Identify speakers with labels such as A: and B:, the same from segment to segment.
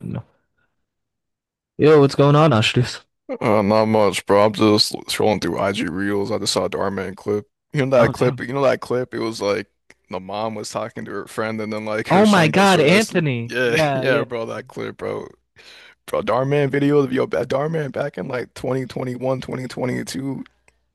A: No. Yo, what's going on, Ashraf?
B: Not much, bro. I'm just scrolling through IG Reels. I just saw a Darman clip. You know
A: Oh,
B: that clip?
A: damn.
B: You know that clip? It was like the mom was talking to her friend, and then like her
A: Oh my
B: son gets
A: God,
B: arrested.
A: Anthony.
B: Yeah,
A: Yeah,
B: yeah,
A: yeah.
B: bro. That clip, bro. Bro, Darman video of yo, Darman back in like 2021, 2022.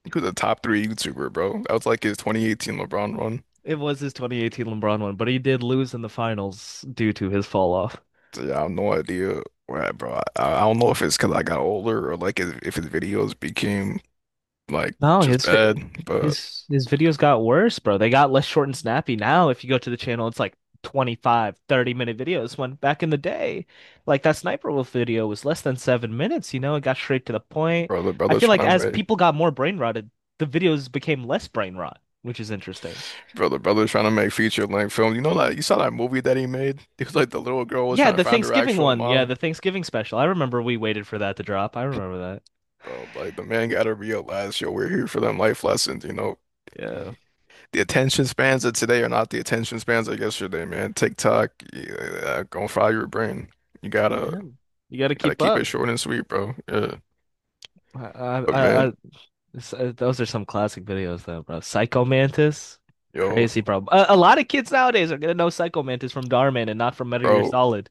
B: He was a top three YouTuber, bro. That was like his 2018 LeBron run.
A: It was his 2018 LeBron one, but he did lose in the finals due to his fall off.
B: So, yeah, I have no idea, where, bro. I don't know if it's because I got older or like if his videos became like
A: No,
B: just bad, but
A: his videos got worse, bro. They got less short and snappy now. If you go to the channel, it's like 25, 30-minute videos. When back in the day, like that Sniper Wolf video was less than seven minutes, it got straight to the point.
B: brother,
A: I
B: brother's
A: feel like
B: trying
A: as
B: to make.
A: people got more brain rotted, the videos became less brain rot, which is interesting.
B: Brother, the brother's trying to make feature length film. You know that you saw that movie that he made? It was like the little girl was
A: Yeah,
B: trying to
A: the
B: find her
A: Thanksgiving
B: actual
A: one. Yeah,
B: mom.
A: the Thanksgiving special. I remember we waited for that to drop. I remember that.
B: Bro, like the man gotta realize, yo, we're here for them life lessons.
A: Yeah.
B: The attention spans of today are not the attention spans of yesterday, man. TikTok, yeah, gonna fry your brain. You gotta
A: Yeah. You got to
B: gotta
A: keep
B: keep
A: up.
B: it short and sweet, bro. Yeah.
A: I, I,
B: But
A: I,
B: man,
A: I- those are some classic videos though, bro. Psycho Mantis.
B: yo,
A: Crazy, bro. A lot of kids nowadays are gonna know Psycho Mantis from Darman and not from Metal Gear
B: bro,
A: Solid.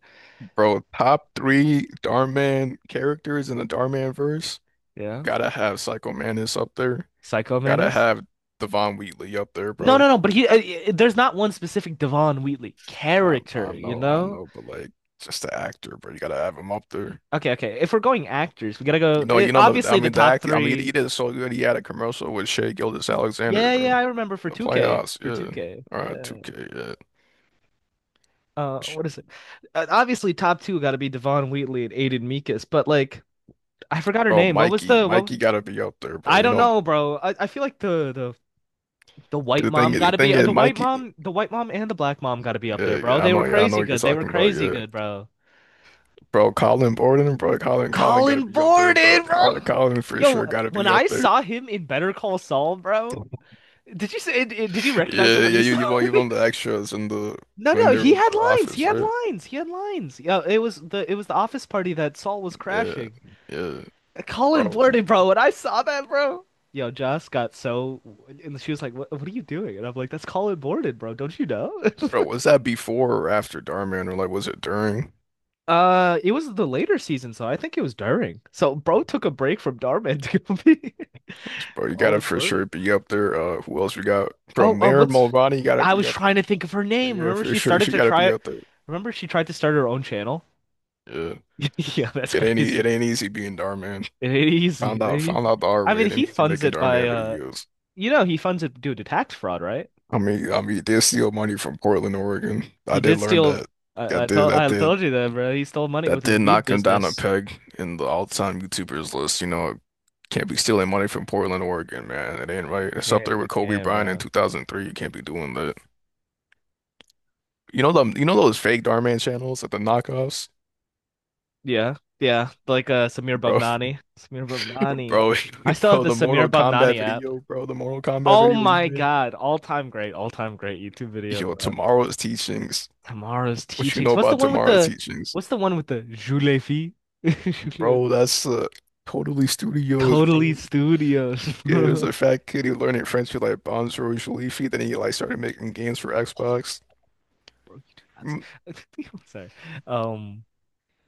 B: bro, top three Darman characters in the Darman verse.
A: Yeah.
B: Gotta have Psycho Manus up there.
A: Psycho
B: Gotta
A: Mantis?
B: have Devon Wheatley up there,
A: No,
B: bro.
A: no, no, but there's not one specific Devon Wheatley
B: I
A: character,
B: I
A: you
B: know, I
A: know?
B: know, but like just the actor, bro. You gotta have him up there.
A: Okay, okay. If we're going actors, we gotta go.
B: You know, you know the I
A: Obviously, the
B: mean the
A: top
B: act I mean he,
A: three.
B: he did so good. He had a commercial with Shea Gilgeous-Alexander,
A: Yeah,
B: bro.
A: yeah, I remember for
B: The
A: 2K.
B: playoffs,
A: For
B: yeah.
A: 2K.
B: All right,
A: Yeah.
B: 2K, yeah. Sh-
A: What is it? Obviously, top two got to be Devon Wheatley and Aiden Meekis, but like I forgot her
B: Bro,
A: name. What was
B: Mikey,
A: the what
B: Mikey gotta be up there, bro.
A: I
B: You
A: don't
B: know,
A: know, bro. I feel like the the white mom got
B: the
A: to be
B: thing is, Mikey.
A: the white mom and the black mom got to be up there,
B: Yeah,
A: bro. They were
B: yeah, I know
A: crazy
B: what you're
A: good. They were
B: talking about,
A: crazy
B: yeah.
A: good, bro.
B: Bro, Colin Borden, bro, Colin gotta
A: Colin
B: be up there, bro.
A: Borden, bro.
B: Colin for
A: Yo,
B: sure gotta
A: when
B: be
A: I
B: up there.
A: saw him in Better Call Saul, bro, did you say did you recognize him
B: Yeah,
A: when
B: yeah,
A: you
B: you
A: saw
B: won
A: him?
B: you won the extras in the
A: No,
B: when
A: no,
B: they were
A: he
B: at
A: had
B: the
A: lines. He
B: office,
A: had
B: right?
A: lines. He had lines. Yeah, it was the office party that Saul was
B: Yeah,
A: crashing.
B: yeah,
A: Colin
B: bro,
A: blurted, bro, when I saw that, bro. Yo, Joss got so, and she was like, "What? What are you doing?" And I'm like, "That's Colin Blurted, bro. Don't you know?"
B: bro, was that before or after Darman, or like was it during?
A: It was the later season, so I think it was during. So, bro took a break from Darman to go be
B: Bro, you gotta
A: Colin
B: for
A: Blurted.
B: sure be up there. Who else we got? Bro,
A: Oh,
B: Maren
A: what's?
B: Mulroney, you gotta
A: I
B: be
A: was
B: up
A: trying
B: there,
A: to think of her
B: bro.
A: name.
B: Yeah,
A: Remember,
B: for
A: she
B: sure,
A: started
B: she
A: to
B: gotta be
A: try.
B: up there.
A: Remember, she tried to start her own channel.
B: Yeah,
A: Yeah, that's
B: it
A: crazy.
B: ain't easy being Darman.
A: It ain't easy.
B: Found
A: It
B: out
A: ain't
B: found
A: easy.
B: out the hard
A: I
B: way.
A: mean,
B: It ain't
A: he
B: easy
A: funds
B: making
A: it by
B: Darman
A: uh,
B: videos.
A: you know, he funds it due to tax fraud, right?
B: I mean, they steal money from Portland, Oregon. I
A: He
B: did
A: did
B: learn
A: steal.
B: that. I did, I
A: I
B: did.
A: told you that, bro. He stole money
B: That
A: with his
B: did
A: weed
B: knock him down a
A: business.
B: peg in the all-time YouTubers list. You know, can't be stealing money from Portland, Oregon, man. It ain't right. It's up there
A: You
B: with Kobe
A: can't,
B: Bryant in
A: bro.
B: 2003. You can't be doing that. You know them, you know those fake Darman channels at the knockoffs,
A: Yeah, yeah, like Samir
B: bro,
A: Bhavnani. Samir Bhavnani.
B: bro,
A: I still have
B: bro.
A: the
B: The
A: Samir
B: Mortal Kombat
A: Bhavnani app.
B: video, bro. The Mortal Kombat
A: Oh
B: video you
A: my
B: made.
A: God, all time great YouTube video,
B: Yo,
A: bro.
B: tomorrow's teachings.
A: Tomorrow's
B: What you
A: teachings.
B: know
A: What's the
B: about
A: one with
B: tomorrow's
A: the?
B: teachings,
A: What's the one with the Julefi?
B: bro? That's Totally Studios,
A: Totally
B: bro.
A: Studios,
B: Yeah, it was
A: bro.
B: a fat kid who learned in French with like Bonjour Leafy. Then he like started making games for Xbox.
A: Bro, you do not
B: Mm,
A: say. I'm sorry. Um,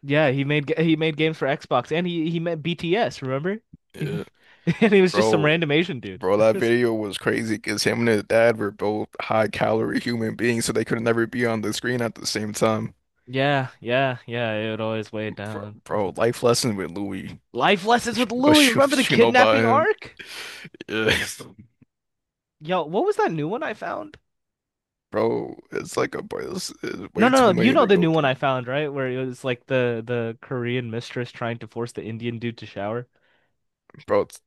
A: yeah, he made games for Xbox, and he met BTS. Remember? He met,
B: yeah,
A: and he was just some
B: bro,
A: random Asian dude.
B: bro, that video was crazy because him and his dad were both high calorie human beings, so they could never be on the screen at the same time.
A: Yeah, yeah, yeah. It would always weigh it
B: Bro,
A: down. That's
B: bro,
A: the thing.
B: life lesson with Louis.
A: Life lessons
B: What you,
A: with Louis.
B: what you
A: Remember the
B: what you know about
A: kidnapping
B: him?
A: arc?
B: Yeah,
A: Yo, what was that new one I found?
B: bro, it's like a boy. It's
A: No,
B: way too
A: no, no. You
B: many
A: know
B: to
A: the
B: go
A: new one
B: through,
A: I found, right? Where it was like the Korean mistress trying to force the Indian dude to shower.
B: bro. It's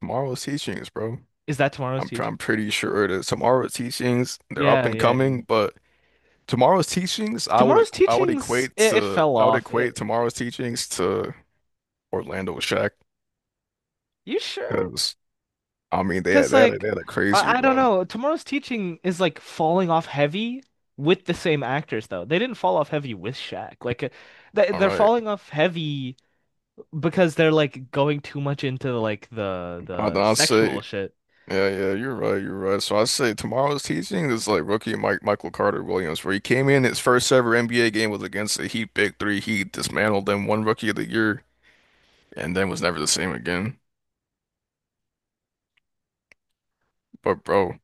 B: tomorrow's teachings, bro.
A: Is that tomorrow's
B: I'm pr-
A: teach?
B: I'm pretty sure that tomorrow's teachings they're up
A: Yeah,
B: and
A: yeah.
B: coming, but tomorrow's teachings
A: Tomorrow's
B: I would
A: teachings,
B: equate
A: it
B: to
A: fell
B: I would
A: off.
B: equate
A: It,
B: tomorrow's teachings to. Orlando with Shaq.
A: you sure?
B: Because I mean,
A: Because,
B: they had a they
A: like,
B: had a crazy
A: I don't
B: run.
A: know. Tomorrow's Teaching is like falling off heavy with the same actors, though. They didn't fall off heavy with Shaq. Like, they,
B: All
A: they're
B: right,
A: falling off heavy because they're like going too much into like the
B: I,
A: the
B: I say,
A: sexual shit.
B: yeah, yeah, you're right, you're right. So I say tomorrow's teaching is like rookie Mike Michael Carter Williams, where he came in his first ever NBA game was against the Heat Big Three. He dismantled them, one Rookie of the Year, and then was never the same again. But bro,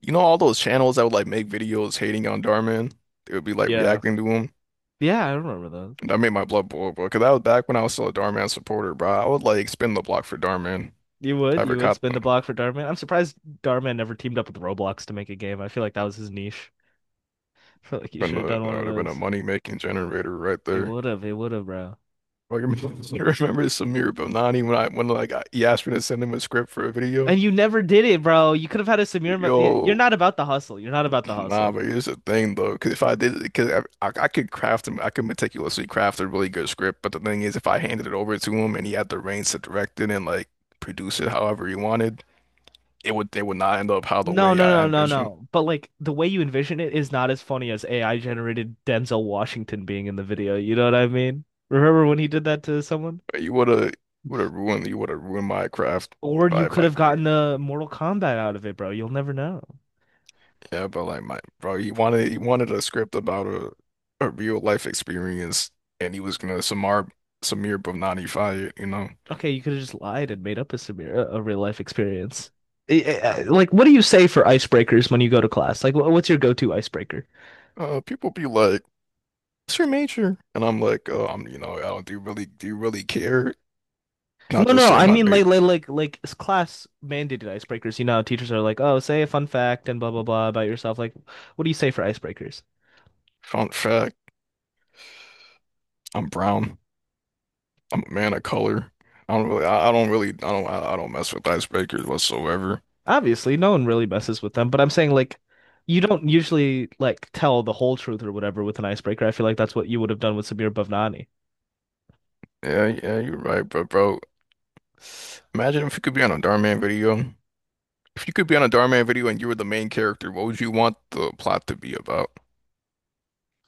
B: you know all those channels that would like make videos hating on Darman, they would be like
A: Yeah.
B: reacting to him.
A: Yeah, I remember those.
B: And that made my blood boil, bro. Because that was back when I was still a Darman supporter, bro. I would like spin the block for Darman. I ever
A: You would
B: caught
A: spin the
B: them.
A: block for Darman. I'm surprised Darman never teamed up with Roblox to make a game. I feel like that was his niche. I feel like you
B: Been
A: should have
B: a
A: done
B: that
A: one of
B: would have been a
A: those.
B: money making generator right there.
A: It would have, bro.
B: Like, I remember Samir Bonani when I when like I, he asked me to send him a script for a video.
A: And you never did it, bro. You could have had a Samir. Yeah, you're
B: Yo,
A: not about the hustle. You're not about the
B: nah,
A: hustle.
B: but here's the thing though, because if I did, because I could craft him, I could meticulously craft a really good script. But the thing is, if I handed it over to him and he had the reins to direct it and like produce it however he wanted, it would they would not end up how the
A: No,
B: way
A: no,
B: I
A: no, no,
B: envisioned.
A: no. But like the way you envision it is not as funny as AI generated Denzel Washington being in the video. You know what I mean? Remember when he did that to someone?
B: But you would have ruined you would have ruined my craft
A: Or
B: if
A: you
B: I if
A: could
B: I
A: have
B: did.
A: gotten a Mortal Kombat out of it, bro. You'll never know.
B: Yeah, but like my bro, he wanted a script about a real life experience, and he was gonna Samar Samir Bhavnani it.
A: Okay, you could have just lied and made up a Samir, a real life experience. Like, what do you say for icebreakers when you go to class? Like, what's your go-to icebreaker?
B: People be like, "What's your major?" And I'm like, "Oh, I'm you know, I don't do you really care?" Not
A: No,
B: to
A: no,
B: say
A: I
B: my
A: mean
B: major.
A: like like it's class mandated icebreakers. You know, teachers are like, "Oh, say a fun fact and blah blah blah about yourself." Like, what do you say for icebreakers?
B: Fun fact, I'm brown. I'm a man of color. I don't mess with icebreakers whatsoever.
A: Obviously, no one really messes with them, but I'm saying like you don't usually like tell the whole truth or whatever with an icebreaker. I feel like that's what you would have done with Samir Bhavnani.
B: Yeah, yeah, you're right, but bro, imagine if you could be on a Darman video. If you could be on a Darman video and you were the main character, what would you want the plot to be about?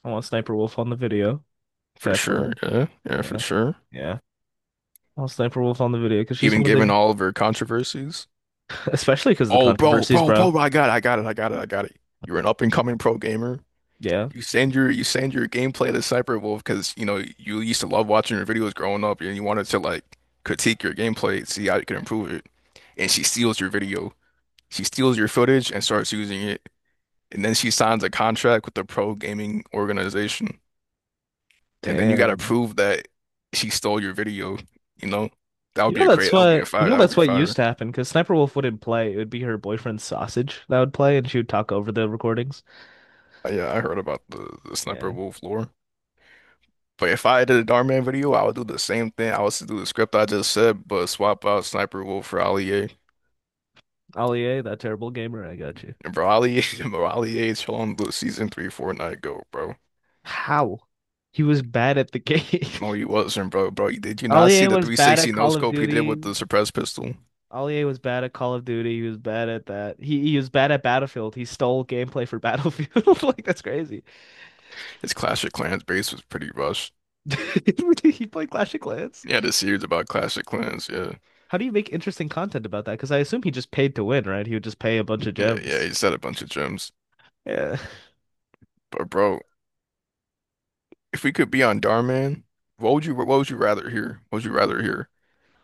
A: I want Sniper Wolf on the video.
B: For
A: Definitely.
B: sure, yeah, yeah, for
A: Yeah,
B: sure.
A: yeah. I'll sniper wolf on the video because she's
B: Even
A: one of
B: given
A: the,
B: all of her controversies.
A: especially because of the
B: Oh, bro,
A: controversies,
B: bro,
A: bro.
B: bro, I got it, I got it, I got it, I got it. You're an up-and-coming pro gamer.
A: Yeah.
B: You send your gameplay to Cyberwolf because you know you used to love watching her videos growing up, and you wanted to like critique your gameplay, see how you can improve it. And she steals your video, she steals your footage, and starts using it. And then she signs a contract with the pro gaming organization. And then you got to
A: Damn.
B: prove that she stole your video. You know, that
A: You
B: would be
A: know
B: a
A: that's
B: crate. That would be a
A: what you
B: fire.
A: know
B: That would
A: that's
B: be
A: what used
B: fire.
A: to happen because Sniper Wolf wouldn't play. It would be her boyfriend Sausage that would play, and she would talk over the recordings.
B: Yeah, I heard about the Sniper
A: Yeah,
B: Wolf lore. But if I did a Darman video, I would do the same thing. I would still do the script I just said, but swap out Sniper Wolf for Ali A.
A: Ollie, that terrible gamer, I got you.
B: And bro, Ali A, bro, Ali A is on the season three Fortnite go, bro.
A: How? He was bad at the game.
B: No, he wasn't, bro. Bro, did you not see
A: Ollie
B: the
A: was bad at
B: 360 no
A: Call of
B: scope he did with
A: Duty.
B: the suppressed pistol?
A: Ollie was bad at Call of Duty. He was bad at that. He was bad at Battlefield. He stole gameplay for Battlefield. Like that's crazy.
B: His Clash of Clans base was pretty rushed.
A: He played Clash of Clans.
B: Yeah, the series about Clash of Clans. Yeah,
A: How do you make interesting content about that? Because I assume he just paid to win, right? He would just pay a bunch of
B: yeah, yeah.
A: gems.
B: He said a bunch of gems.
A: Yeah,
B: But bro, if we could be on Darman, what would you rather hear? What would you rather hear?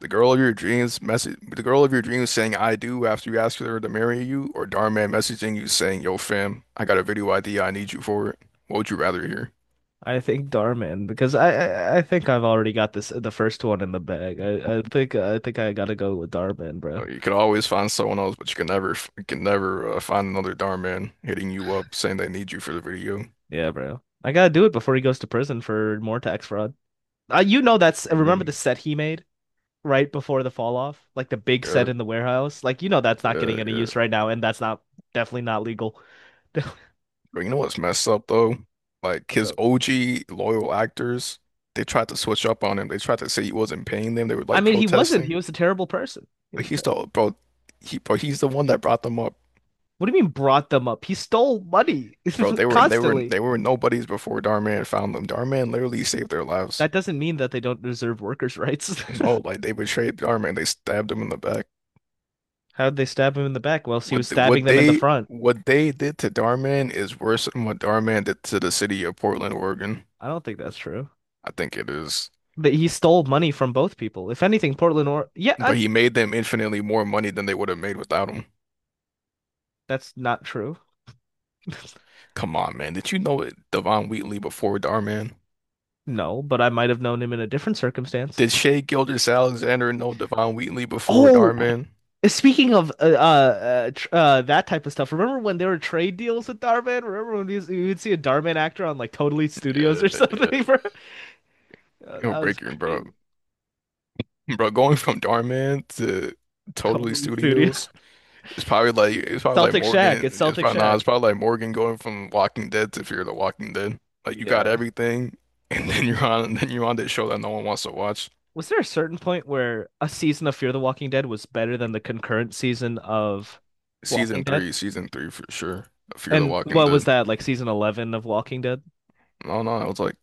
B: The girl of your dreams message the girl of your dreams saying I do after you ask her to marry you, or Darman messaging you saying, "Yo fam, I got a video idea, I need you for it." What would you rather hear?
A: I think Darman because I I think I've already got this the first one in the bag. I think I think I gotta go with Darman, bro.
B: You could always find someone else, but you can never find another Darman hitting you up saying they need you for the video.
A: Yeah, bro. I gotta do it before he goes to prison for more tax fraud. You know that's remember the
B: Amen.
A: set he made right before the fall off, like the big
B: Yeah,
A: set in the warehouse. Like you know that's not
B: yeah,
A: getting any
B: yeah.
A: use right now, and that's not definitely not legal. What's
B: But you know what's messed up though? Like his
A: up?
B: OG loyal actors, they tried to switch up on him. They tried to say he wasn't paying them. They were
A: I
B: like
A: mean, he wasn't. He
B: protesting.
A: was a terrible person. He was
B: But
A: a ter-
B: he's the bro. He bro. He's the one that brought them up,
A: What do you mean brought them up? He stole money
B: bro. They were they were
A: constantly.
B: they were nobodies before Darman found them. Darman literally saved their lives.
A: That doesn't mean that they don't deserve workers' rights.
B: No, like they betrayed Darman. They stabbed him in the back.
A: How did they stab him in the back whilst he was
B: What th-
A: stabbing
B: what
A: them in the
B: they
A: front?
B: what they did to Darman is worse than what Darman did to the city of Portland, Oregon.
A: I don't think that's true.
B: I think it is.
A: But he stole money from both people. If anything, Portland or yeah, I.
B: But he made them infinitely more money than they would have made without him.
A: That's not true.
B: Come on, man. Did you know Devon Wheatley before Darman?
A: No, but I might have known him in a different circumstance.
B: Did Shea Gilgeous-Alexander know Devon Wheatley before
A: Oh,
B: Darman?
A: speaking of that type of stuff, remember when there were trade deals with Darman? Remember when you would see a Darman actor on like Totally Studios
B: Yeah,
A: or something,
B: yeah.
A: bro? Oh,
B: It'll
A: that was
B: break your bro.
A: crazy.
B: Bro, going from Darman to Totally
A: Totally Studio.
B: Studios, it's probably like
A: Celtic Shack. It's
B: Morgan. It's
A: Celtic
B: probably not. It's
A: Shack.
B: probably like Morgan going from Walking Dead to Fear the Walking Dead. Like you got
A: Yeah.
B: everything, and then you're on this show that no one wants to watch.
A: Was there a certain point where a season of Fear the Walking Dead was better than the concurrent season of Walking Dead?
B: Season three for sure. Fear the
A: And
B: Walking
A: what was
B: Dead.
A: that, like season 11 of Walking Dead?
B: No, no, it was like.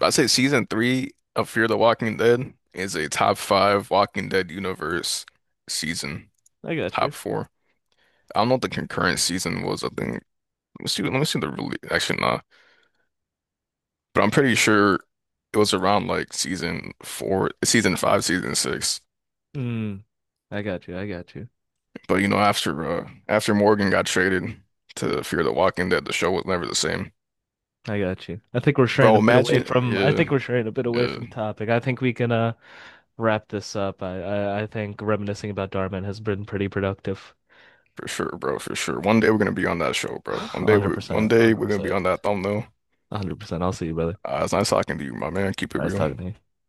B: I'd say season three of Fear the Walking Dead is a top five Walking Dead universe season,
A: I got
B: top
A: you.
B: four. I don't know what the concurrent season was. I think let me see. Let me see the release. Actually, nah. But I'm pretty sure it was around like season four, season five, season six.
A: Mm, I got you. I got you.
B: But you know, after Morgan got traded to Fear the Walking Dead, the show was never the same.
A: I got you. I think we're straying
B: Bro,
A: a bit away
B: imagine,
A: from I
B: yeah,
A: think we're straying a bit away
B: yeah,
A: from topic. I think we can wrap this up. I think reminiscing about Darman has been pretty productive.
B: for sure, bro, for sure. One day we're gonna be on that show, bro. One day we, one
A: 100%,
B: day we're gonna be
A: 100%,
B: on that thumbnail.
A: 100%. I'll see you, brother.
B: It's nice talking to you, my man. Keep it
A: Nice
B: real.
A: talking to you.